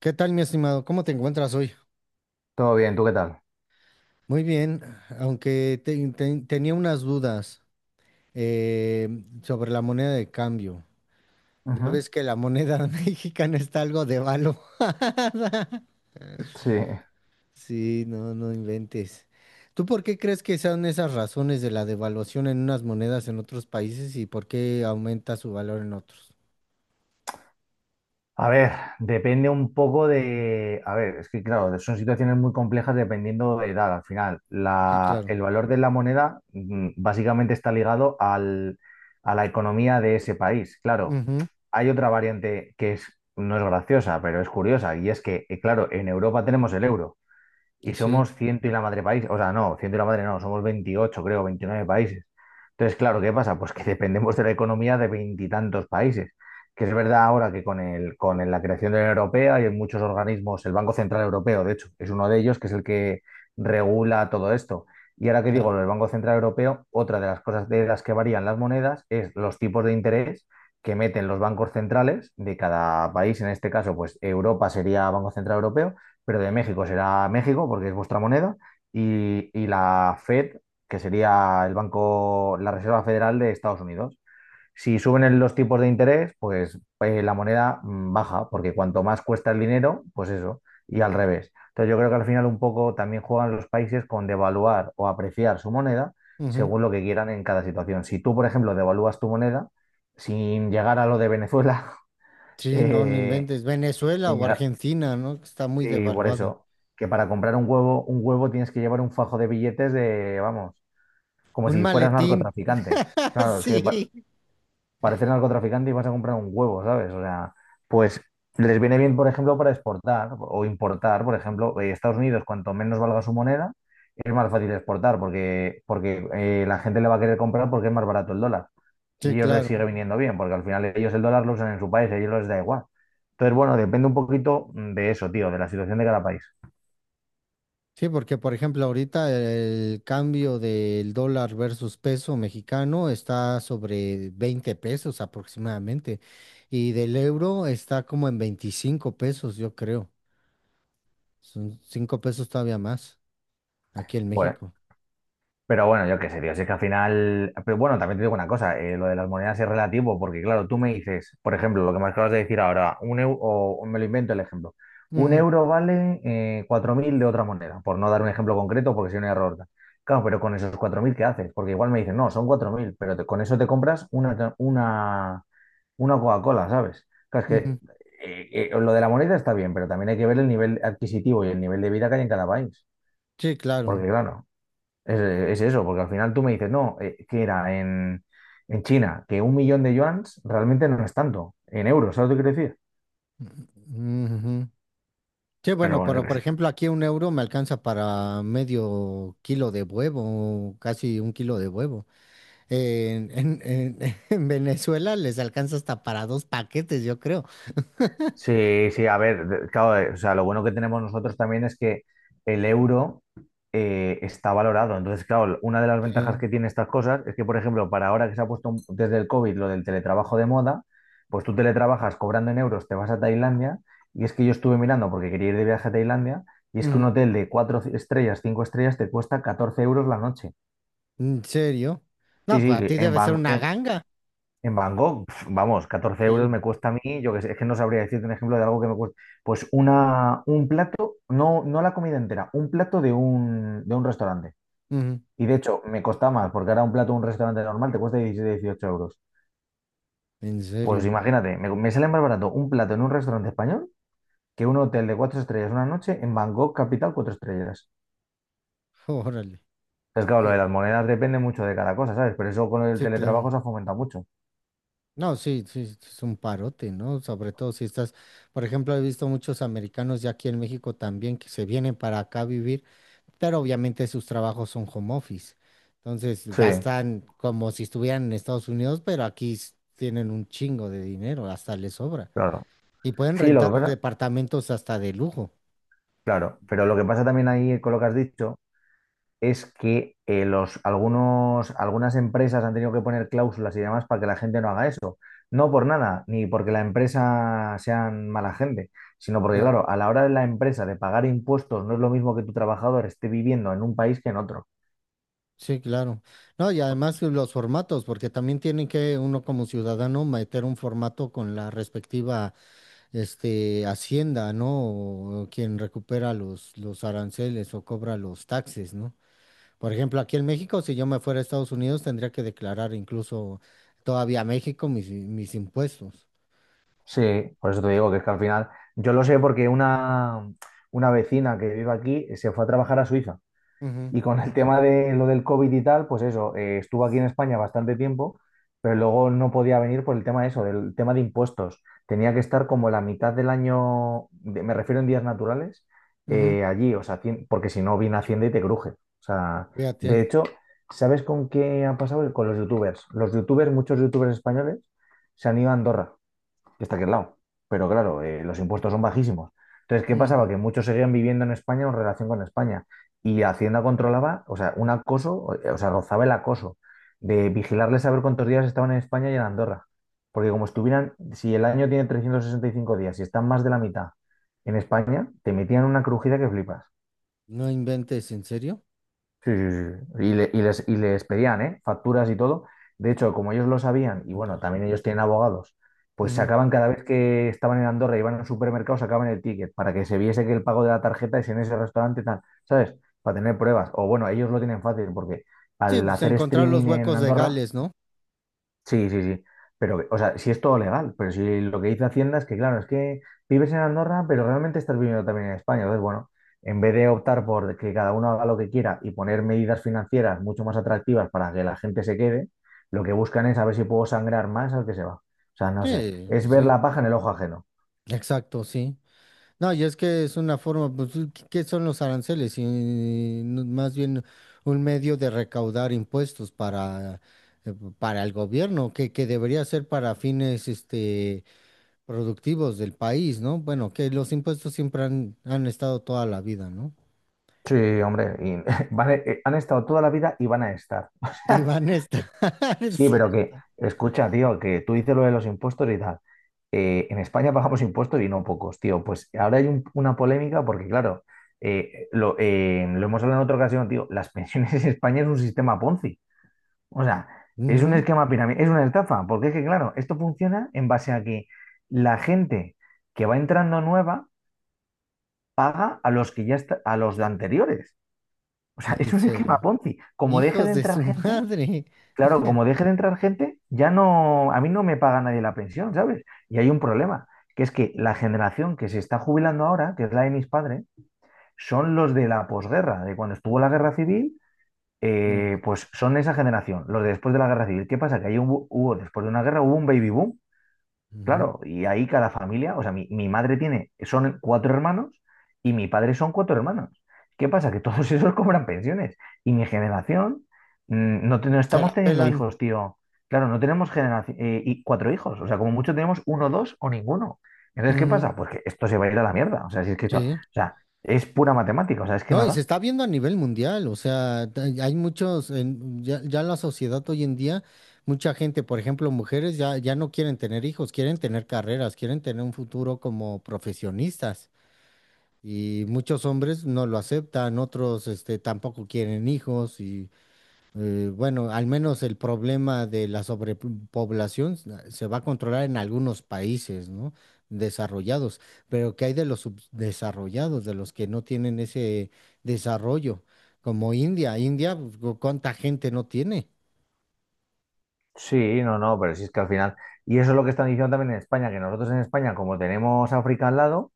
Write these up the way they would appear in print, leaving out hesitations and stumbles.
¿Qué tal, mi estimado? ¿Cómo te encuentras hoy? Todo bien, ¿tú qué tal? Muy bien, aunque tenía unas dudas eh, sobre la moneda de cambio. Ya Ujú. ves que la moneda mexicana está algo de valo. Sí. Sí, no, no inventes. ¿Tú por qué crees que sean esas razones de la devaluación en unas monedas en otros países y por qué aumenta su valor en otros? A ver, depende un poco de... A ver, es que claro, son situaciones muy complejas dependiendo de edad. Al final, Sí, claro. el valor de la moneda básicamente está ligado a la economía de ese país. Claro, Ujú. hay otra variante que es, no es graciosa, pero es curiosa, y es que, claro, en Europa tenemos el euro, y Sí, somos ciento y la madre país, o sea, no, ciento y la madre no, somos 28 creo, 29 países. Entonces, claro, ¿qué pasa? Pues que dependemos de la economía de veintitantos países, que es verdad ahora que con el- la creación de la Unión Europea y en muchos organismos, el Banco Central Europeo, de hecho, es uno de ellos, que es el que regula todo esto. Y ahora que digo claro. lo del Banco Central Europeo, otra de las cosas de las que varían las monedas es los tipos de interés que meten los bancos centrales de cada país, en este caso, pues Europa sería Banco Central Europeo, pero de México será México, porque es vuestra moneda, y la Fed, que sería el banco, la Reserva Federal de Estados Unidos. Si suben los tipos de interés, pues la moneda baja, porque cuanto más cuesta el dinero, pues eso, y al revés. Entonces yo creo que al final un poco también juegan los países con devaluar o apreciar su moneda Ujú. según lo que quieran en cada situación. Si tú, por ejemplo, devalúas tu moneda sin llegar a lo de Venezuela, Sí, no, no eh, inventes. ¿Venezuela sin o llegar, Argentina, no? Que está muy sí, por devaluada. eso. Que para comprar un huevo tienes que llevar un fajo de billetes de, vamos, como Un si fueras maletín. narcotraficante. Claro, es que Sí, pareces narcotraficante y vas a comprar un huevo, ¿sabes? O sea, pues les viene bien, por ejemplo, para exportar o importar. Por ejemplo, Estados Unidos, cuanto menos valga su moneda, es más fácil exportar porque la gente le va a querer comprar porque es más barato el dólar. Y sí, ellos les sigue claro. viniendo bien, porque al final ellos el dólar lo usan en su país, a ellos les da igual. Entonces, bueno, depende un poquito de eso, tío, de la situación de cada país. Sí, porque por ejemplo ahorita el cambio del dólar versus peso mexicano está sobre 20 pesos aproximadamente, y del euro está como en 25 pesos, yo creo. Son 5 pesos todavía más aquí en Pues, México. pero bueno, yo qué sé, tío, si es que al final, pero bueno, también te digo una cosa, lo de las monedas es relativo, porque claro, tú me dices, por ejemplo, lo que me acabas de decir ahora, un euro, o me lo invento el ejemplo, un Ujú, euro vale 4.000 de otra moneda, por no dar un ejemplo concreto, porque si no hay error. Claro, pero con esos 4.000 ¿qué haces? Porque igual me dicen, no, son 4.000, pero con eso te compras una Coca-Cola, ¿sabes? Claro, es que ujú. Lo de la moneda está bien, pero también hay que ver el nivel adquisitivo y el nivel de vida que hay en cada país, Sí, claro. porque claro. Es, es eso, porque al final tú me dices, no, que era en China, que 1.000.000 de yuans realmente no es tanto, en euros, ¿sabes lo que quiero decir? Ujú. Sí, Pero bueno, bueno, yo pero qué por sé. ejemplo aquí un euro me alcanza para medio kilo de huevo, casi un kilo de huevo. En, en- en- en Venezuela les alcanza hasta para dos paquetes, yo creo. Sí, sí, a ver, claro, o sea, lo bueno que tenemos nosotros también es que el euro está valorado. Entonces, claro, una de las ventajas Sí. que tiene estas cosas es que, por ejemplo, para ahora que se ha puesto desde el COVID lo del teletrabajo de moda, pues tú teletrabajas cobrando en euros, te vas a Tailandia, y es que yo estuve mirando porque quería ir de viaje a Tailandia, y es que un Ujú. hotel de cuatro estrellas, cinco estrellas, te cuesta 14 euros la noche. ¿En serio? Sí, No, pues sí, a ti en debe ser una Bangkok. ganga. En Bangkok, pf, vamos, 14 euros me Sí. cuesta a mí, yo que sé, es que no sabría decirte un ejemplo de algo que me cuesta. Un plato, no, no la comida entera, un plato de un restaurante. Ujú. Y de hecho, me cuesta más, porque ahora un plato de un restaurante normal te cuesta 17 18 euros. ¿En Pues serio? imagínate, me sale más barato un plato en un restaurante español que un hotel de cuatro estrellas una noche en Bangkok, capital, cuatro estrellas. Órale. Es claro, lo Sí, de las monedas depende mucho de cada cosa, ¿sabes? Pero eso con el sí, claro. teletrabajo se ha fomentado mucho. No, sí, sí, sí, es un parote, ¿no? Sobre todo si estás, por ejemplo, he visto muchos americanos ya aquí en México también que se vienen para acá a vivir, pero obviamente sus trabajos son home office. Entonces Sí, gastan como si estuvieran en Estados Unidos, pero aquí tienen un chingo de dinero, hasta les sobra. claro. Y pueden Sí, lo rentar que pasa. departamentos hasta de lujo. Claro, pero lo que pasa también ahí con lo que has dicho es que algunos, algunas empresas han tenido que poner cláusulas y demás para que la gente no haga eso. No por nada, ni porque la empresa sean mala gente, sino porque, Claro. claro, a la hora de la empresa de pagar impuestos no es lo mismo que tu trabajador esté viviendo en un país que en otro. Sí, claro. No, y además los formatos, porque también tienen que uno como ciudadano meter un formato con la respectiva, este, hacienda, ¿no? O quien recupera los aranceles o cobra los taxes, ¿no? Por ejemplo, aquí en México, si yo me fuera a Estados Unidos, tendría que declarar incluso todavía a México mis impuestos. Sí, por eso te digo que es que al final, yo lo sé porque una vecina que vive aquí se fue a trabajar a Suiza. Ujú, Y con el tema de lo del COVID y tal, pues eso, estuvo aquí en España bastante tiempo, pero luego no podía venir por el tema de eso, del tema de impuestos. Tenía que estar como la mitad del año, me refiero en días naturales, ujú. Allí, o sea, porque si no viene Hacienda y te cruje. O sea, de Fíjate. hecho, ¿sabes con qué ha pasado? Con los youtubers. Los youtubers, muchos youtubers españoles, se han ido a Andorra que está aquí al lado. Pero claro, los impuestos son bajísimos. Entonces, ¿qué Ujú. pasaba? Que muchos seguían viviendo en España o en relación con España. Y Hacienda controlaba, o sea, un acoso, o sea, rozaba el acoso de vigilarles a ver cuántos días estaban en España y en Andorra. Porque como estuvieran, si el año tiene 365 días y están más de la mitad en España, te metían una crujida que flipas. No inventes, ¿en serio? Sí, sí, sí, sí. Y, y les pedían, ¿eh? Facturas y todo. De hecho, como ellos lo sabían, y Madre. bueno, también ellos tienen abogados, pues Ujú. sacaban cada vez que estaban en Andorra y iban al supermercado, sacaban el ticket para que se viese que el pago de la tarjeta es en ese restaurante y tal, ¿sabes? Para tener pruebas. O bueno, ellos lo tienen fácil porque Sí, al pues hacer encontrar los streaming en huecos Andorra, legales, ¿no? sí, sí, sí. Pero, o sea, si es todo legal, pero si lo que dice Hacienda es que, claro, es que vives en Andorra, pero realmente estás viviendo también en España. Entonces, bueno, en vez de optar por que cada uno haga lo que quiera y poner medidas financieras mucho más atractivas para que la gente se quede, lo que buscan es a ver si puedo sangrar más al que se va. O sea, no sé, Sí, es pues ver sí. la paja en el ojo ajeno. Exacto, sí. No, y es que es una forma, pues, ¿qué qué son los aranceles? Y, no- más bien un medio de recaudar impuestos para el gobierno, que debería ser para fines, este, productivos del país, ¿no? Bueno, que los impuestos siempre han estado toda la vida, ¿no? Sí, hombre, y han estado toda la vida y van a estar. Y van a estar, es Sí, pero cierto. que, escucha, tío, que tú dices lo de los impuestos y tal. En España pagamos impuestos y no pocos, tío. Pues ahora hay una polémica porque, claro, lo hemos hablado en otra ocasión, tío. Las pensiones en España es un sistema Ponzi. O sea, es un Ujú. esquema pirámide, es una estafa. Porque es que, claro, esto funciona en base a que la gente que va entrando nueva paga a los que ya está, a los de anteriores. O sea, En es un esquema serio. Ponzi. Como deje de Hijos de entrar su gente, madre. claro, como deje de entrar gente, ya no, a mí no me paga nadie la pensión, ¿sabes? Y hay un problema, que es que la generación que se está jubilando ahora, que es la de mis padres, son los de la posguerra, de cuando estuvo la guerra civil, No, no, pues son esa generación, los de después de la guerra civil. ¿Qué pasa? Que ahí hubo- después de una guerra, hubo un baby boom. ujú. Claro, y ahí cada familia, o sea, mi madre tiene, son cuatro hermanos y mi padre son cuatro hermanos. ¿Qué pasa? Que todos esos cobran pensiones y mi generación no, no Se estamos la teniendo pelan. hijos, tío. Claro, no tenemos y cuatro hijos, o sea, como mucho tenemos uno, dos o ninguno. Entonces, ¿qué Ujú. pasa? Pues que esto se va a ir a la mierda, o sea, si es que esto, o Sí. sea, es pura matemática, o sea, es que No, no y se da. está viendo a nivel mundial, o sea, hay muchos, ya, ya la sociedad hoy en día, mucha gente, por ejemplo, mujeres ya, ya no quieren tener hijos, quieren tener carreras, quieren tener un futuro como profesionistas. Y muchos hombres no lo aceptan, otros este, tampoco quieren hijos y bueno, al menos el problema de la sobrepoblación se va a controlar en algunos países, ¿no? Desarrollados, pero ¿qué hay de los subdesarrollados, de los que no tienen ese desarrollo? Como India, India, ¿cuánta gente no tiene? Sí, no, no, pero si es que al final, y eso es lo que están diciendo también en España, que nosotros en España, como tenemos África al lado,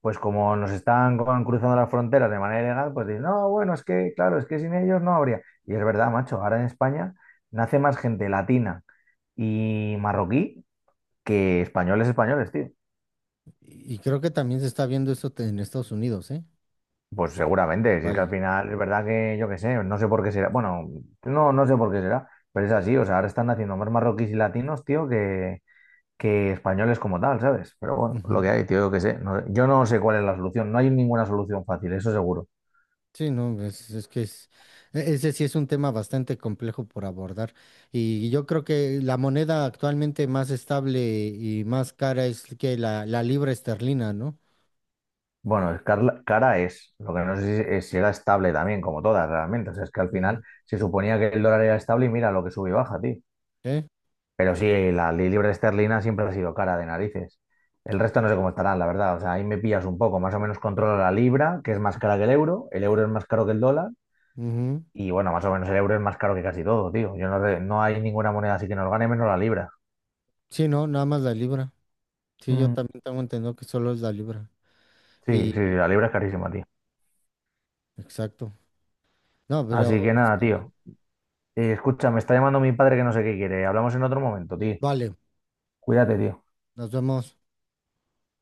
pues como nos están cruzando las fronteras de manera ilegal, pues dicen, no, bueno, es que, claro, es que sin ellos no habría. Y es verdad, macho, ahora en España nace más gente latina y marroquí que españoles españoles, tío. Y creo que también se está viendo eso en Estados Unidos, ¿eh? Pues seguramente, si es que al Igual. final es verdad que yo qué sé, no sé por qué será, bueno, no, no sé por qué será, pero es así, o sea, ahora están naciendo más marroquíes y latinos, tío, que españoles como tal, ¿sabes? Pero bueno, lo que hay, tío, yo qué sé, yo no sé cuál es la solución, no hay ninguna solución fácil, eso seguro. Sí, no, es que es, ese sí es un tema bastante complejo por abordar. Y yo creo que la moneda actualmente más estable y más cara es que la libra esterlina, ¿no? Bueno, es cara es, lo que no sé si, es si era estable también, como todas realmente. O sea, es que al Ujú. final se suponía que el dólar era estable y mira lo que sube y baja, tío. ¿Eh? Pero sí, la libra esterlina siempre ha sido cara de narices. El resto no sé cómo estarán, la verdad. O sea, ahí me pillas un poco. Más o menos controlo la libra, que es más cara que el euro. El euro es más caro que el dólar. Ujú. Y bueno, más o menos el euro es más caro que casi todo, tío. Yo no, no hay ninguna moneda así que nos gane menos la libra. Sí, no, nada más la libra. Sí, yo Mm. también tengo entendido que solo es la libra. Sí, sí, sí, Y, la libra es carísima, tío. exacto. No, Así pero que nada, también. tío. Escucha, me está llamando mi padre que no sé qué quiere. Hablamos en otro momento, tío. Vale, Cuídate, tío. nos vemos.